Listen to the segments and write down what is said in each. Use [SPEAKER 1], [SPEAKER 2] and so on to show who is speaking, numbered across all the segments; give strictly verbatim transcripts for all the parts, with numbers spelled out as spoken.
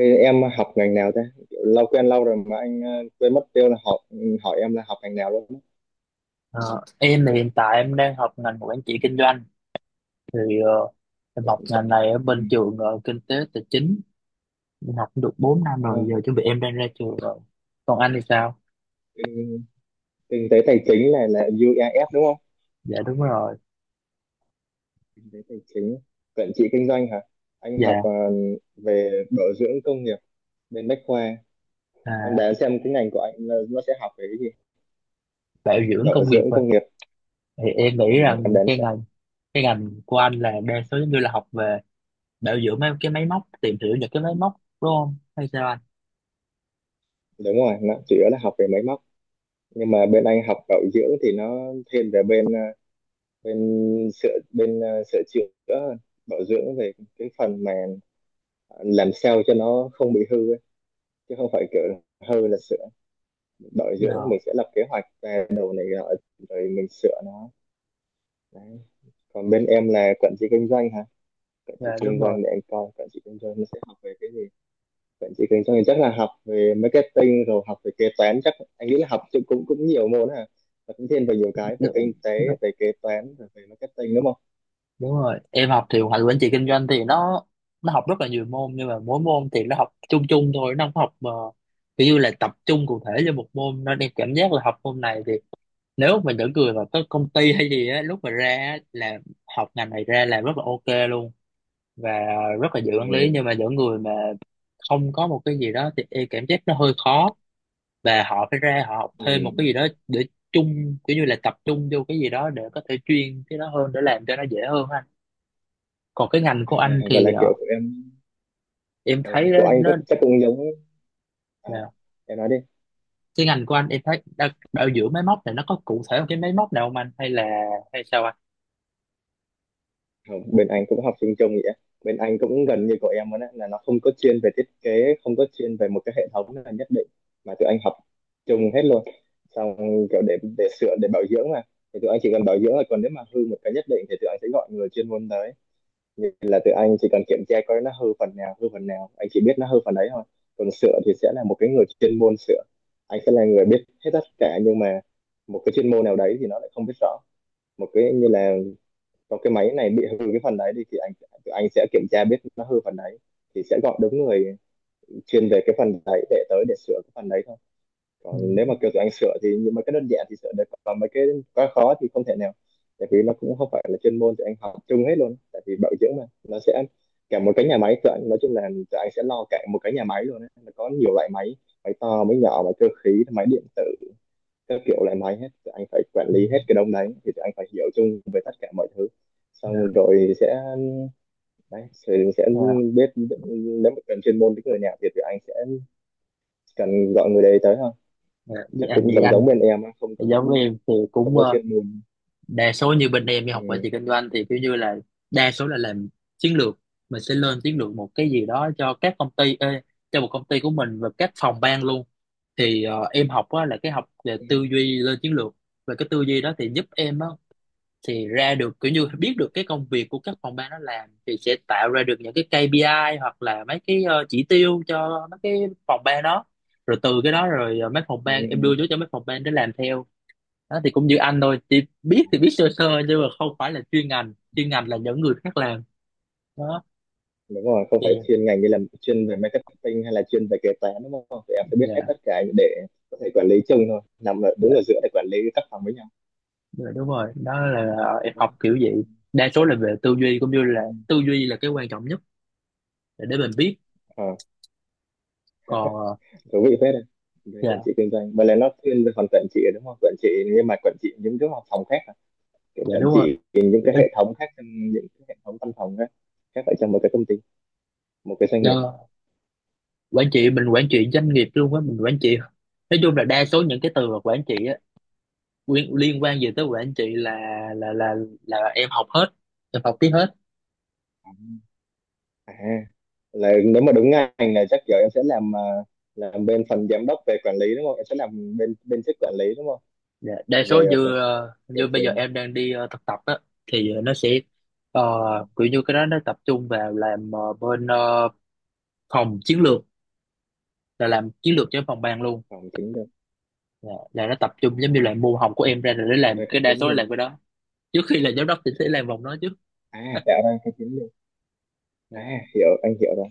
[SPEAKER 1] Ê, em học ngành nào thế? Kiểu lâu quen lâu rồi mà anh ờ, quên mất tiêu là học, ừ, hỏi em là học ngành nào luôn. á.
[SPEAKER 2] Ờ, em thì hiện tại em đang học ngành quản trị kinh doanh thì ờ, em
[SPEAKER 1] Vậy,
[SPEAKER 2] học ngành này ở bên trường ờ, kinh tế tài chính. Em học cũng được bốn năm
[SPEAKER 1] ờ,
[SPEAKER 2] rồi, giờ chuẩn bị em đang ra trường rồi. Còn anh thì sao?
[SPEAKER 1] kinh, kinh tế tài chính này là u e ép đúng không?
[SPEAKER 2] Dạ đúng rồi.
[SPEAKER 1] Kinh tế tài chính, quản trị kinh doanh hả? Anh học
[SPEAKER 2] Dạ.
[SPEAKER 1] ờ, về bảo dưỡng công nghiệp bên Bách Khoa. Em
[SPEAKER 2] À,
[SPEAKER 1] đoán xem cái ngành của anh là nó sẽ học về cái gì?
[SPEAKER 2] bảo dưỡng
[SPEAKER 1] Bảo
[SPEAKER 2] công nghiệp
[SPEAKER 1] dưỡng
[SPEAKER 2] rồi
[SPEAKER 1] công nghiệp.
[SPEAKER 2] thì em nghĩ
[SPEAKER 1] Ừ, em
[SPEAKER 2] rằng
[SPEAKER 1] đoán
[SPEAKER 2] cái
[SPEAKER 1] xem.
[SPEAKER 2] ngành cái ngành của anh là đa số giống như là học về bảo dưỡng mấy cái máy móc, tìm hiểu những cái máy móc, đúng không hay sao anh?
[SPEAKER 1] Đúng rồi, nó chủ yếu là học về máy móc. Nhưng mà bên anh học bảo dưỡng thì nó thiên về bên ờ, bên sửa bên ờ, sửa chữa, bảo dưỡng về cái phần mà làm sao cho nó không bị hư ấy, chứ không phải kiểu hư là sửa. Bảo
[SPEAKER 2] Dạ.
[SPEAKER 1] dưỡng mình sẽ lập kế hoạch ra đầu này nọ, rồi mình sửa nó đấy. Còn bên em là quản trị kinh doanh hả? Quản trị
[SPEAKER 2] Dạ đúng
[SPEAKER 1] kinh
[SPEAKER 2] rồi.
[SPEAKER 1] doanh, để anh coi quản trị kinh doanh nó sẽ học về cái gì. Quản trị kinh doanh thì chắc là học về marketing, rồi học về kế toán. Chắc anh nghĩ là học cũng cũng, nhiều môn hả, và cũng thêm về nhiều cái, về kinh tế, về kế toán, về marketing, đúng không?
[SPEAKER 2] Đúng rồi, em học thì hoạch quản trị kinh doanh thì nó nó học rất là nhiều môn, nhưng mà mỗi môn thì nó học chung chung thôi, nó không học mà kiểu như là tập trung cụ thể cho một môn, nên em cảm giác là học môn này thì nếu mà những người mà có công ty hay gì á, lúc mà ra á, là học ngành này ra làm rất là ok luôn, và rất là dễ quản lý.
[SPEAKER 1] Ừ,
[SPEAKER 2] Nhưng mà những người mà không có một cái gì đó thì em cảm giác nó hơi khó, và họ phải ra họ học
[SPEAKER 1] ừ.
[SPEAKER 2] thêm một cái gì đó để chung, kiểu như là tập trung vô cái gì đó để có thể chuyên cái đó hơn để làm cho nó dễ hơn ha. Còn cái ngành
[SPEAKER 1] À,
[SPEAKER 2] của anh
[SPEAKER 1] vậy là
[SPEAKER 2] thì
[SPEAKER 1] kiểu
[SPEAKER 2] ờ,
[SPEAKER 1] của em,
[SPEAKER 2] em
[SPEAKER 1] ờ,
[SPEAKER 2] thấy nó,
[SPEAKER 1] của anh chắc
[SPEAKER 2] nó
[SPEAKER 1] chắc cũng giống. À,
[SPEAKER 2] Dạ.
[SPEAKER 1] em nói đi.
[SPEAKER 2] Cái ngành của anh em thấy đa- bảo dưỡng máy móc này, nó có cụ thể một cái máy móc nào không anh, hay là hay sao anh?
[SPEAKER 1] Không, bên anh cũng học sinh chung vậy á. Bên anh cũng gần như của em luôn, là nó không có chuyên về thiết kế, không có chuyên về một cái hệ thống là nhất định, mà tụi anh học chung hết luôn. Xong kiểu để để sửa, để bảo dưỡng mà, thì tụi anh chỉ cần bảo dưỡng là, còn nếu mà hư một cái nhất định thì tụi anh sẽ gọi người chuyên môn tới. Nên là tụi anh chỉ cần kiểm tra coi nó hư phần nào, hư phần nào, anh chỉ biết nó hư phần đấy thôi. Còn sửa thì sẽ là một cái người chuyên môn sửa. Anh sẽ là người biết hết tất cả, nhưng mà một cái chuyên môn nào đấy thì nó lại không biết rõ. Một cái như là trong cái máy này bị hư cái phần đấy đi, thì anh tụi anh sẽ kiểm tra biết nó hư phần đấy, thì sẽ gọi đúng người chuyên về cái phần đấy để tới để sửa cái phần đấy thôi.
[SPEAKER 2] Ừ.
[SPEAKER 1] Còn nếu mà kiểu tụi anh sửa thì những mấy cái đơn giản thì sửa được, còn mấy cái quá khó thì không thể nào, tại vì nó cũng không phải là chuyên môn. Tụi anh học chung hết luôn, tại vì bảo dưỡng mà, nó sẽ cả một cái nhà máy. Tụi anh nói chung là tụi anh sẽ lo cả một cái nhà máy luôn ấy. Nó có nhiều loại máy, máy to, máy nhỏ, máy cơ khí, máy điện tử, các kiểu loại máy hết, tụi anh phải quản
[SPEAKER 2] Ừ.
[SPEAKER 1] lý hết cái đống đấy, thì tụi anh phải hiểu chung về tất cả mọi thứ.
[SPEAKER 2] Dạ.
[SPEAKER 1] Xong rồi sẽ đấy, sẽ, sẽ
[SPEAKER 2] Dạ.
[SPEAKER 1] biết, nếu mà cần chuyên môn với người nào thì tụi anh sẽ cần gọi người đấy tới thôi.
[SPEAKER 2] Dạ. Với
[SPEAKER 1] Chắc
[SPEAKER 2] anh
[SPEAKER 1] cũng
[SPEAKER 2] vậy
[SPEAKER 1] giống
[SPEAKER 2] anh,
[SPEAKER 1] giống bên em á, không có
[SPEAKER 2] giống với em thì
[SPEAKER 1] không
[SPEAKER 2] cũng
[SPEAKER 1] có
[SPEAKER 2] ờ,
[SPEAKER 1] chuyên môn.
[SPEAKER 2] đa số như bên em đi học quản
[SPEAKER 1] Ừ.
[SPEAKER 2] trị kinh doanh thì kiểu như là đa số là làm chiến lược, mình sẽ lên chiến lược một cái gì đó cho các công ty, ê, cho một công ty của mình và các phòng ban luôn. Thì ờ, em học á, là cái học về
[SPEAKER 1] Ừ.
[SPEAKER 2] tư duy lên chiến lược, và cái tư duy đó thì giúp em á, thì ra được kiểu như biết được cái công việc của các phòng ban nó làm, thì sẽ tạo ra được những cái kay pi ai hoặc là mấy cái ờ, chỉ tiêu cho mấy cái phòng ban đó, rồi từ cái đó rồi ờ, mấy phòng
[SPEAKER 1] Ừ.
[SPEAKER 2] ban em đưa vô cho mấy phòng ban để làm theo. Đó thì cũng như anh thôi, chỉ biết thì biết sơ sơ nhưng mà không phải là chuyên ngành, chuyên ngành là những người khác làm đó.
[SPEAKER 1] Đúng rồi, không
[SPEAKER 2] Thì
[SPEAKER 1] phải chuyên ngành, như là chuyên về marketing hay là chuyên về kế toán, đúng không? Thì em phải biết
[SPEAKER 2] dạ.
[SPEAKER 1] hết tất cả để có thể quản lý chung thôi, nằm ở,
[SPEAKER 2] Dạ.
[SPEAKER 1] đứng ở giữa để quản lý các phòng với nhau,
[SPEAKER 2] Dạ, đúng rồi. Đó là ờ, em
[SPEAKER 1] đúng
[SPEAKER 2] học
[SPEAKER 1] không?
[SPEAKER 2] kiểu
[SPEAKER 1] Ừ.
[SPEAKER 2] vậy, đa số là về tư duy, cũng như
[SPEAKER 1] À,
[SPEAKER 2] là tư duy là cái quan trọng nhất để để mình biết.
[SPEAKER 1] ờ,
[SPEAKER 2] Còn ờ.
[SPEAKER 1] thú vị phết đấy. Về quản
[SPEAKER 2] Dạ.
[SPEAKER 1] trị kinh doanh mà, là nó thiên về phần quản trị, đúng không? Quản trị, nhưng mà quản trị những cái phòng khác à? Kiểu
[SPEAKER 2] Dạ
[SPEAKER 1] quản
[SPEAKER 2] đúng rồi.
[SPEAKER 1] trị những cái
[SPEAKER 2] Ờ.
[SPEAKER 1] hệ thống khác, trong những cái hệ thống văn phòng khác khác, ở trong một cái công ty, một cái doanh nghiệp.
[SPEAKER 2] Dạ. Quản trị, mình quản trị doanh nghiệp luôn á, mình quản trị, nói chung là đa số những cái từ mà quản trị á, liên, liên quan gì tới quản trị là là là là em học hết, em học tiếp hết.
[SPEAKER 1] À là, nếu mà đúng ngành là chắc giờ em sẽ làm, à, làm bên phần giám đốc về quản lý, đúng không? Em sẽ làm bên bên chức quản lý, đúng không?
[SPEAKER 2] Dạ, đa số
[SPEAKER 1] Về ph-
[SPEAKER 2] như ờ,
[SPEAKER 1] kiểu
[SPEAKER 2] như bây giờ
[SPEAKER 1] trường
[SPEAKER 2] em đang đi ờ, thực tập á, thì nó sẽ ờ, kiểu như cái đó nó tập trung vào làm ờ, bên ờ, phòng chiến lược, là làm chiến lược cho phòng ban luôn.
[SPEAKER 1] phòng chính được.
[SPEAKER 2] Dạ, là nó tập trung giống như là
[SPEAKER 1] À,
[SPEAKER 2] môn học của em ra rồi để
[SPEAKER 1] tạo
[SPEAKER 2] làm
[SPEAKER 1] ra cái
[SPEAKER 2] cái đa
[SPEAKER 1] chiến
[SPEAKER 2] số là
[SPEAKER 1] được.
[SPEAKER 2] làm cái đó, trước khi là giám đốc thì sẽ làm vòng đó trước.
[SPEAKER 1] À, tạo ra cái chiến được.
[SPEAKER 2] Dạ.
[SPEAKER 1] À, hiểu, anh hiểu rồi.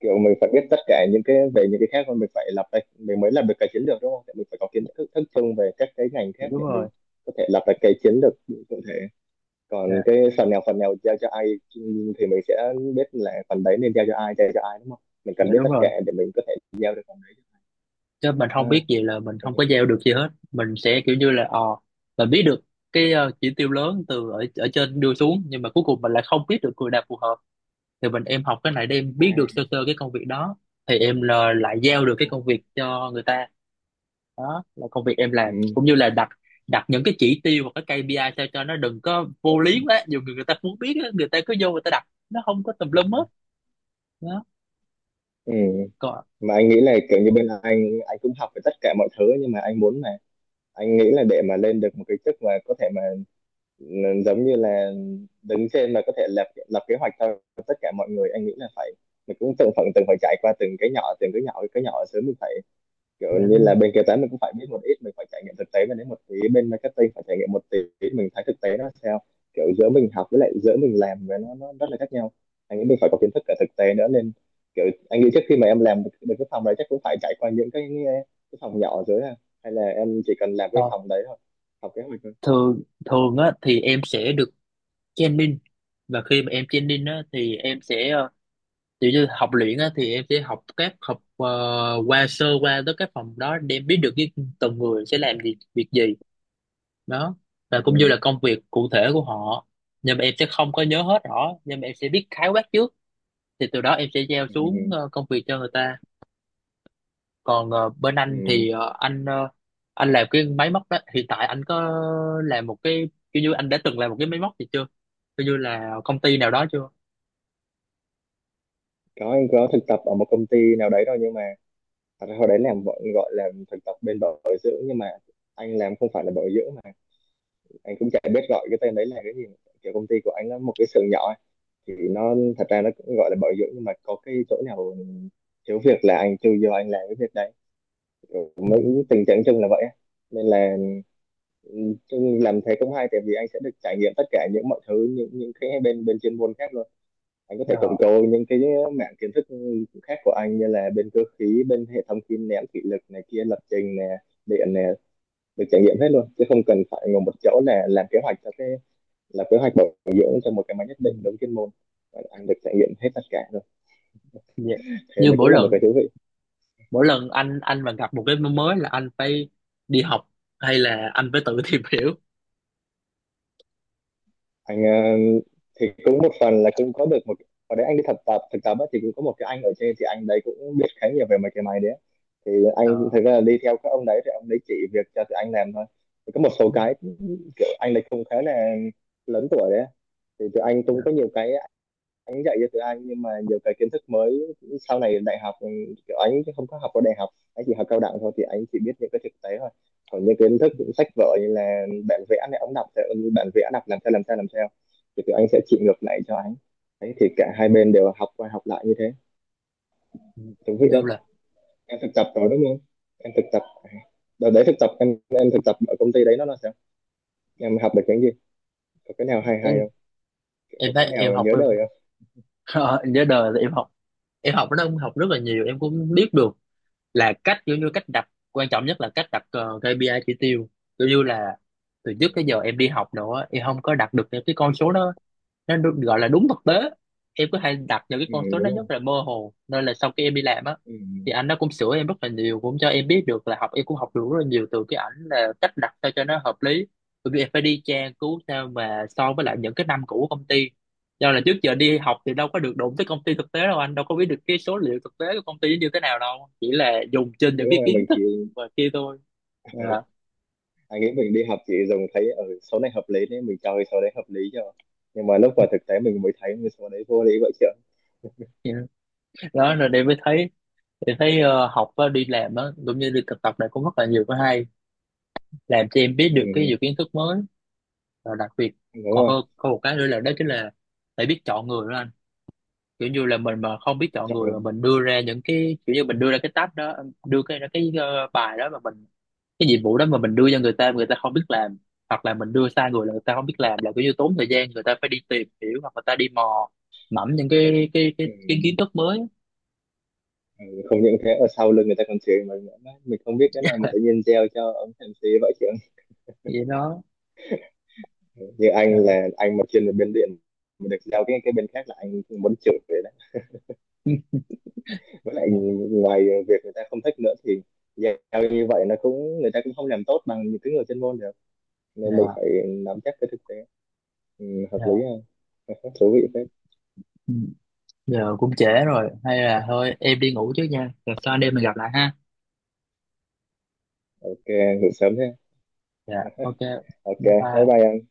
[SPEAKER 1] Kiểu mình phải biết tất cả những cái về những cái khác, còn mình phải lập ra, mình mới làm được cái chiến lược, đúng không? Tại mình phải có kiến
[SPEAKER 2] Dạ.
[SPEAKER 1] thức thức chung về các cái ngành
[SPEAKER 2] Dạ,
[SPEAKER 1] khác
[SPEAKER 2] đúng
[SPEAKER 1] để
[SPEAKER 2] rồi.
[SPEAKER 1] mình có thể lập ra cái chiến lược cụ thể. Còn
[SPEAKER 2] Dạ.
[SPEAKER 1] cái phần nào phần nào giao cho ai, thì mình sẽ biết là phần đấy nên giao cho ai, giao cho ai, đúng không? Mình
[SPEAKER 2] Dạ
[SPEAKER 1] cần biết
[SPEAKER 2] đúng
[SPEAKER 1] tất
[SPEAKER 2] rồi.
[SPEAKER 1] cả để mình có thể giao được phần đấy.
[SPEAKER 2] Chứ mình
[SPEAKER 1] À,
[SPEAKER 2] không biết gì là mình
[SPEAKER 1] anh
[SPEAKER 2] không có
[SPEAKER 1] hiểu.
[SPEAKER 2] gieo được gì hết, mình sẽ kiểu như là ờ mình biết được cái ờ, chỉ tiêu lớn từ ở ở trên đưa xuống, nhưng mà cuối cùng mình lại không biết được người nào phù hợp, thì mình em học cái này để em
[SPEAKER 1] À,
[SPEAKER 2] biết được sơ sơ cái công việc đó, thì em là lại giao được cái công việc cho người ta. Đó là công việc em làm,
[SPEAKER 1] ừ,
[SPEAKER 2] cũng như là đặt đặt những cái chỉ tiêu và cái kay pi ai sao cho nó đừng có vô lý quá, dù người người ta muốn biết á, người ta cứ vô, người ta đặt nó không có tùm lum hết đó.
[SPEAKER 1] ừ.
[SPEAKER 2] Còn
[SPEAKER 1] Mà anh nghĩ là kiểu như bên anh anh cũng học về tất cả mọi thứ, nhưng mà anh muốn là, anh nghĩ là để mà lên được một cái chức mà có thể mà, n- giống như là đứng trên mà có thể lập lập kế hoạch cho tất cả mọi người, anh nghĩ là phải, mình cũng từng phần, từng phải trải qua từng cái nhỏ, từng cái nhỏ, cái nhỏ sớm. Mình phải kiểu
[SPEAKER 2] về đó
[SPEAKER 1] như là
[SPEAKER 2] nữa.
[SPEAKER 1] bên kế toán mình cũng phải biết một ít, mình phải trải nghiệm thực tế, và đến một tí bên marketing phải trải nghiệm một tí, mình thấy thực tế nó sao. Kiểu giữa mình học với lại giữa mình làm với, nó nó rất là khác nhau. Anh nghĩ mình phải có kiến thức cả thực tế nữa, nên kiểu anh nghĩ trước khi mà em làm được được cái phòng đấy chắc cũng phải trải qua những cái cái phòng nhỏ dưới, à, hay là em chỉ cần làm cái
[SPEAKER 2] Ờ,
[SPEAKER 1] phòng đấy thôi, học kế hoạch thôi.
[SPEAKER 2] thường thường á thì em sẽ được training, và khi mà em training á thì em sẽ ờ, kiểu như học luyện á, thì em sẽ học các học ờ, qua sơ qua tới các phòng đó để em biết được cái từng người sẽ làm gì việc gì đó,
[SPEAKER 1] Ừ,
[SPEAKER 2] và cũng như là công việc cụ thể của họ, nhưng mà em sẽ không có nhớ hết rõ, nhưng mà em sẽ biết khái quát trước. Thì từ đó em sẽ giao
[SPEAKER 1] ừ,
[SPEAKER 2] xuống
[SPEAKER 1] ừ.
[SPEAKER 2] ờ, công việc cho người ta. Còn ờ, bên anh thì
[SPEAKER 1] Ừ.
[SPEAKER 2] ờ, anh ờ, anh làm cái máy móc đó, hiện tại anh có làm một cái, kiểu như anh đã từng làm một cái máy móc gì chưa, kiểu như là công ty nào đó chưa?
[SPEAKER 1] Có, anh có thực tập ở một công ty nào đấy thôi, nhưng mà thật ra hồi đấy làm gọi gọi là thực tập bên bảo dưỡng, nhưng mà anh làm không phải là bảo dưỡng, mà anh cũng chả biết gọi cái tên đấy là cái gì. Kiểu công ty của anh nó một cái xưởng nhỏ ấy, thì nó thật ra nó cũng gọi là bảo dưỡng, nhưng mà có cái chỗ nào thiếu việc là anh chui vô anh làm cái việc đấy.
[SPEAKER 2] Ừ.
[SPEAKER 1] Kiểu tình trạng chung là vậy á. Nên là, ừ, chung làm thế cũng hay, tại vì anh sẽ được trải nghiệm tất cả những mọi thứ, những những cái bên bên chuyên môn khác luôn. Anh có thể cộng
[SPEAKER 2] Ờ.
[SPEAKER 1] cố những cái mảng kiến thức khác của anh, như là bên cơ khí, bên hệ thống kim nén thủy lực này kia, lập trình này, điện này, được trải nghiệm hết luôn, chứ không cần phải ngồi một chỗ là làm kế hoạch cho cái, là kế hoạch bảo dưỡng cho một cái máy nhất
[SPEAKER 2] Ừ.
[SPEAKER 1] định đúng chuyên môn. Anh được trải nghiệm hết tất cả rồi,
[SPEAKER 2] Dạ.
[SPEAKER 1] thế
[SPEAKER 2] Như
[SPEAKER 1] nó
[SPEAKER 2] mỗi
[SPEAKER 1] cũng là một
[SPEAKER 2] lần
[SPEAKER 1] cái thú vị.
[SPEAKER 2] mỗi lần anh anh mà gặp một cái mới là anh phải đi học hay là anh phải tự tìm hiểu?
[SPEAKER 1] Anh ờ, thì cũng một phần là cũng có được một, ở đấy anh đi thực tập, thực tập á, thì cũng có một cái anh ở trên, thì anh đấy cũng biết khá nhiều về mấy cái máy đấy, thì anh
[SPEAKER 2] Ờ.
[SPEAKER 1] thực ra là đi theo các ông đấy, thì ông đấy chỉ việc cho tụi anh làm thôi. Thì có một số
[SPEAKER 2] Ừ.
[SPEAKER 1] cái, kiểu anh đấy không khá là lớn tuổi đấy, thì tụi anh cũng
[SPEAKER 2] Dạ.
[SPEAKER 1] có nhiều cái anh dạy cho tiếng Anh, nhưng mà nhiều cái kiến thức mới sau này đại học, ừ, kiểu anh không có học ở đại học, anh chỉ học cao đẳng thôi, thì anh chỉ biết những cái thực tế thôi. Còn những kiến thức sách vở như là bản vẽ này, ông đọc theo bản vẽ đọc làm sao làm sao làm sao, thì tụi anh sẽ chỉ ngược lại cho anh đấy, thì cả hai bên đều học qua học lại như thế.
[SPEAKER 2] Ừ.
[SPEAKER 1] Thú vị
[SPEAKER 2] Như
[SPEAKER 1] lắm.
[SPEAKER 2] là
[SPEAKER 1] Em thực tập rồi đúng không? Em thực tập à? Đợt đấy thực tập em em thực tập ở công ty đấy nó là sao, em học được cái gì, có cái nào hay hay
[SPEAKER 2] em
[SPEAKER 1] không, có
[SPEAKER 2] em thấy
[SPEAKER 1] cái
[SPEAKER 2] em
[SPEAKER 1] nào
[SPEAKER 2] học
[SPEAKER 1] nhớ
[SPEAKER 2] em
[SPEAKER 1] đời không?
[SPEAKER 2] ờ, nhớ đời là em học em học nó học rất là nhiều. Em cũng biết được là cách, kiểu như cách đặt quan trọng nhất là cách đặt ờ, ca pê i chỉ tiêu, kiểu như là từ trước tới giờ em đi học nữa em không có đặt được những cái con số đó, nó được gọi là đúng thực tế. Em cứ hay đặt những cái
[SPEAKER 1] Ừ,
[SPEAKER 2] con số nó
[SPEAKER 1] đúng không?
[SPEAKER 2] rất là mơ hồ, nên là sau khi em đi làm á,
[SPEAKER 1] Ừ,
[SPEAKER 2] thì anh nó cũng sửa em rất là nhiều, cũng cho em biết được là học em cũng học được rất là nhiều từ cái ảnh là cách đặt sao cho nó hợp lý. Bởi vì em phải đi tra cứu sao mà so với lại những cái năm cũ của công ty, do là trước giờ đi học thì đâu có được đụng tới công ty thực tế đâu, anh đâu có biết được cái số liệu thực tế của công ty như thế nào đâu, chỉ là dùng trên những
[SPEAKER 1] đúng
[SPEAKER 2] cái
[SPEAKER 1] không em,
[SPEAKER 2] kiến
[SPEAKER 1] mình
[SPEAKER 2] thức
[SPEAKER 1] thì,
[SPEAKER 2] và kia thôi.
[SPEAKER 1] ừ.
[SPEAKER 2] Dạ.
[SPEAKER 1] Anh nghĩ mình đi học thì dùng thấy ở, ừ, số này hợp lý nên mình cho cái số đấy hợp lý cho, nhưng mà lúc vào thực tế mình mới thấy cái số đấy vô lý vậy chứ.
[SPEAKER 2] Dạ. Đó rồi để mới thấy, để thấy ờ, học á, đi làm á cũng như đi thực tập này, cũng rất là nhiều cái hay, làm cho em biết
[SPEAKER 1] Ừ,
[SPEAKER 2] được cái nhiều kiến thức mới. Và đặc biệt
[SPEAKER 1] đúng
[SPEAKER 2] còn
[SPEAKER 1] rồi.
[SPEAKER 2] hơn có một cái nữa là đó chính là phải biết chọn người đó anh, kiểu như là mình mà không biết chọn
[SPEAKER 1] Chọn
[SPEAKER 2] người,
[SPEAKER 1] lọc.
[SPEAKER 2] mà mình đưa ra những cái, kiểu như mình đưa ra cái tab đó, đưa cái cái ờ, bài đó mà mình, cái nhiệm vụ đó mà mình đưa cho người ta mà người ta không biết làm, hoặc là mình đưa sai người là người ta không biết làm, là kiểu như tốn thời gian, người ta phải đi tìm hiểu hoặc người ta đi mò mẫm những cái cái cái
[SPEAKER 1] Ừ,
[SPEAKER 2] cái kiến thức mới.
[SPEAKER 1] ừ, không những thế, ở sau lưng người ta còn chửi mình nữa. Đấy, mình không biết cái này mà tự nhiên gieo cho ông em xê vậy chứ.
[SPEAKER 2] Vậy đó.
[SPEAKER 1] Như anh
[SPEAKER 2] Dạ.
[SPEAKER 1] là anh mà chuyên về bên điện mà được giao cái cái bên khác là anh muốn chửi vậy đấy. Với lại
[SPEAKER 2] Dạ.
[SPEAKER 1] ngoài việc người ta không thích nữa, thì giao như vậy nó cũng, người ta cũng không làm tốt bằng những cái người chuyên môn được, nên mình
[SPEAKER 2] Dạ.
[SPEAKER 1] phải nắm chắc cái thực tế. Ừ, hợp lý
[SPEAKER 2] Dạ.
[SPEAKER 1] ha. Thú vị phết.
[SPEAKER 2] Ừ, giờ cũng trễ rồi, hay là thôi em đi ngủ trước nha, rồi sau anh em mình gặp lại ha.
[SPEAKER 1] Ok, ngủ sớm thế.
[SPEAKER 2] Dạ. Ok.
[SPEAKER 1] Ok,
[SPEAKER 2] Bye
[SPEAKER 1] bye
[SPEAKER 2] bye.
[SPEAKER 1] bye em.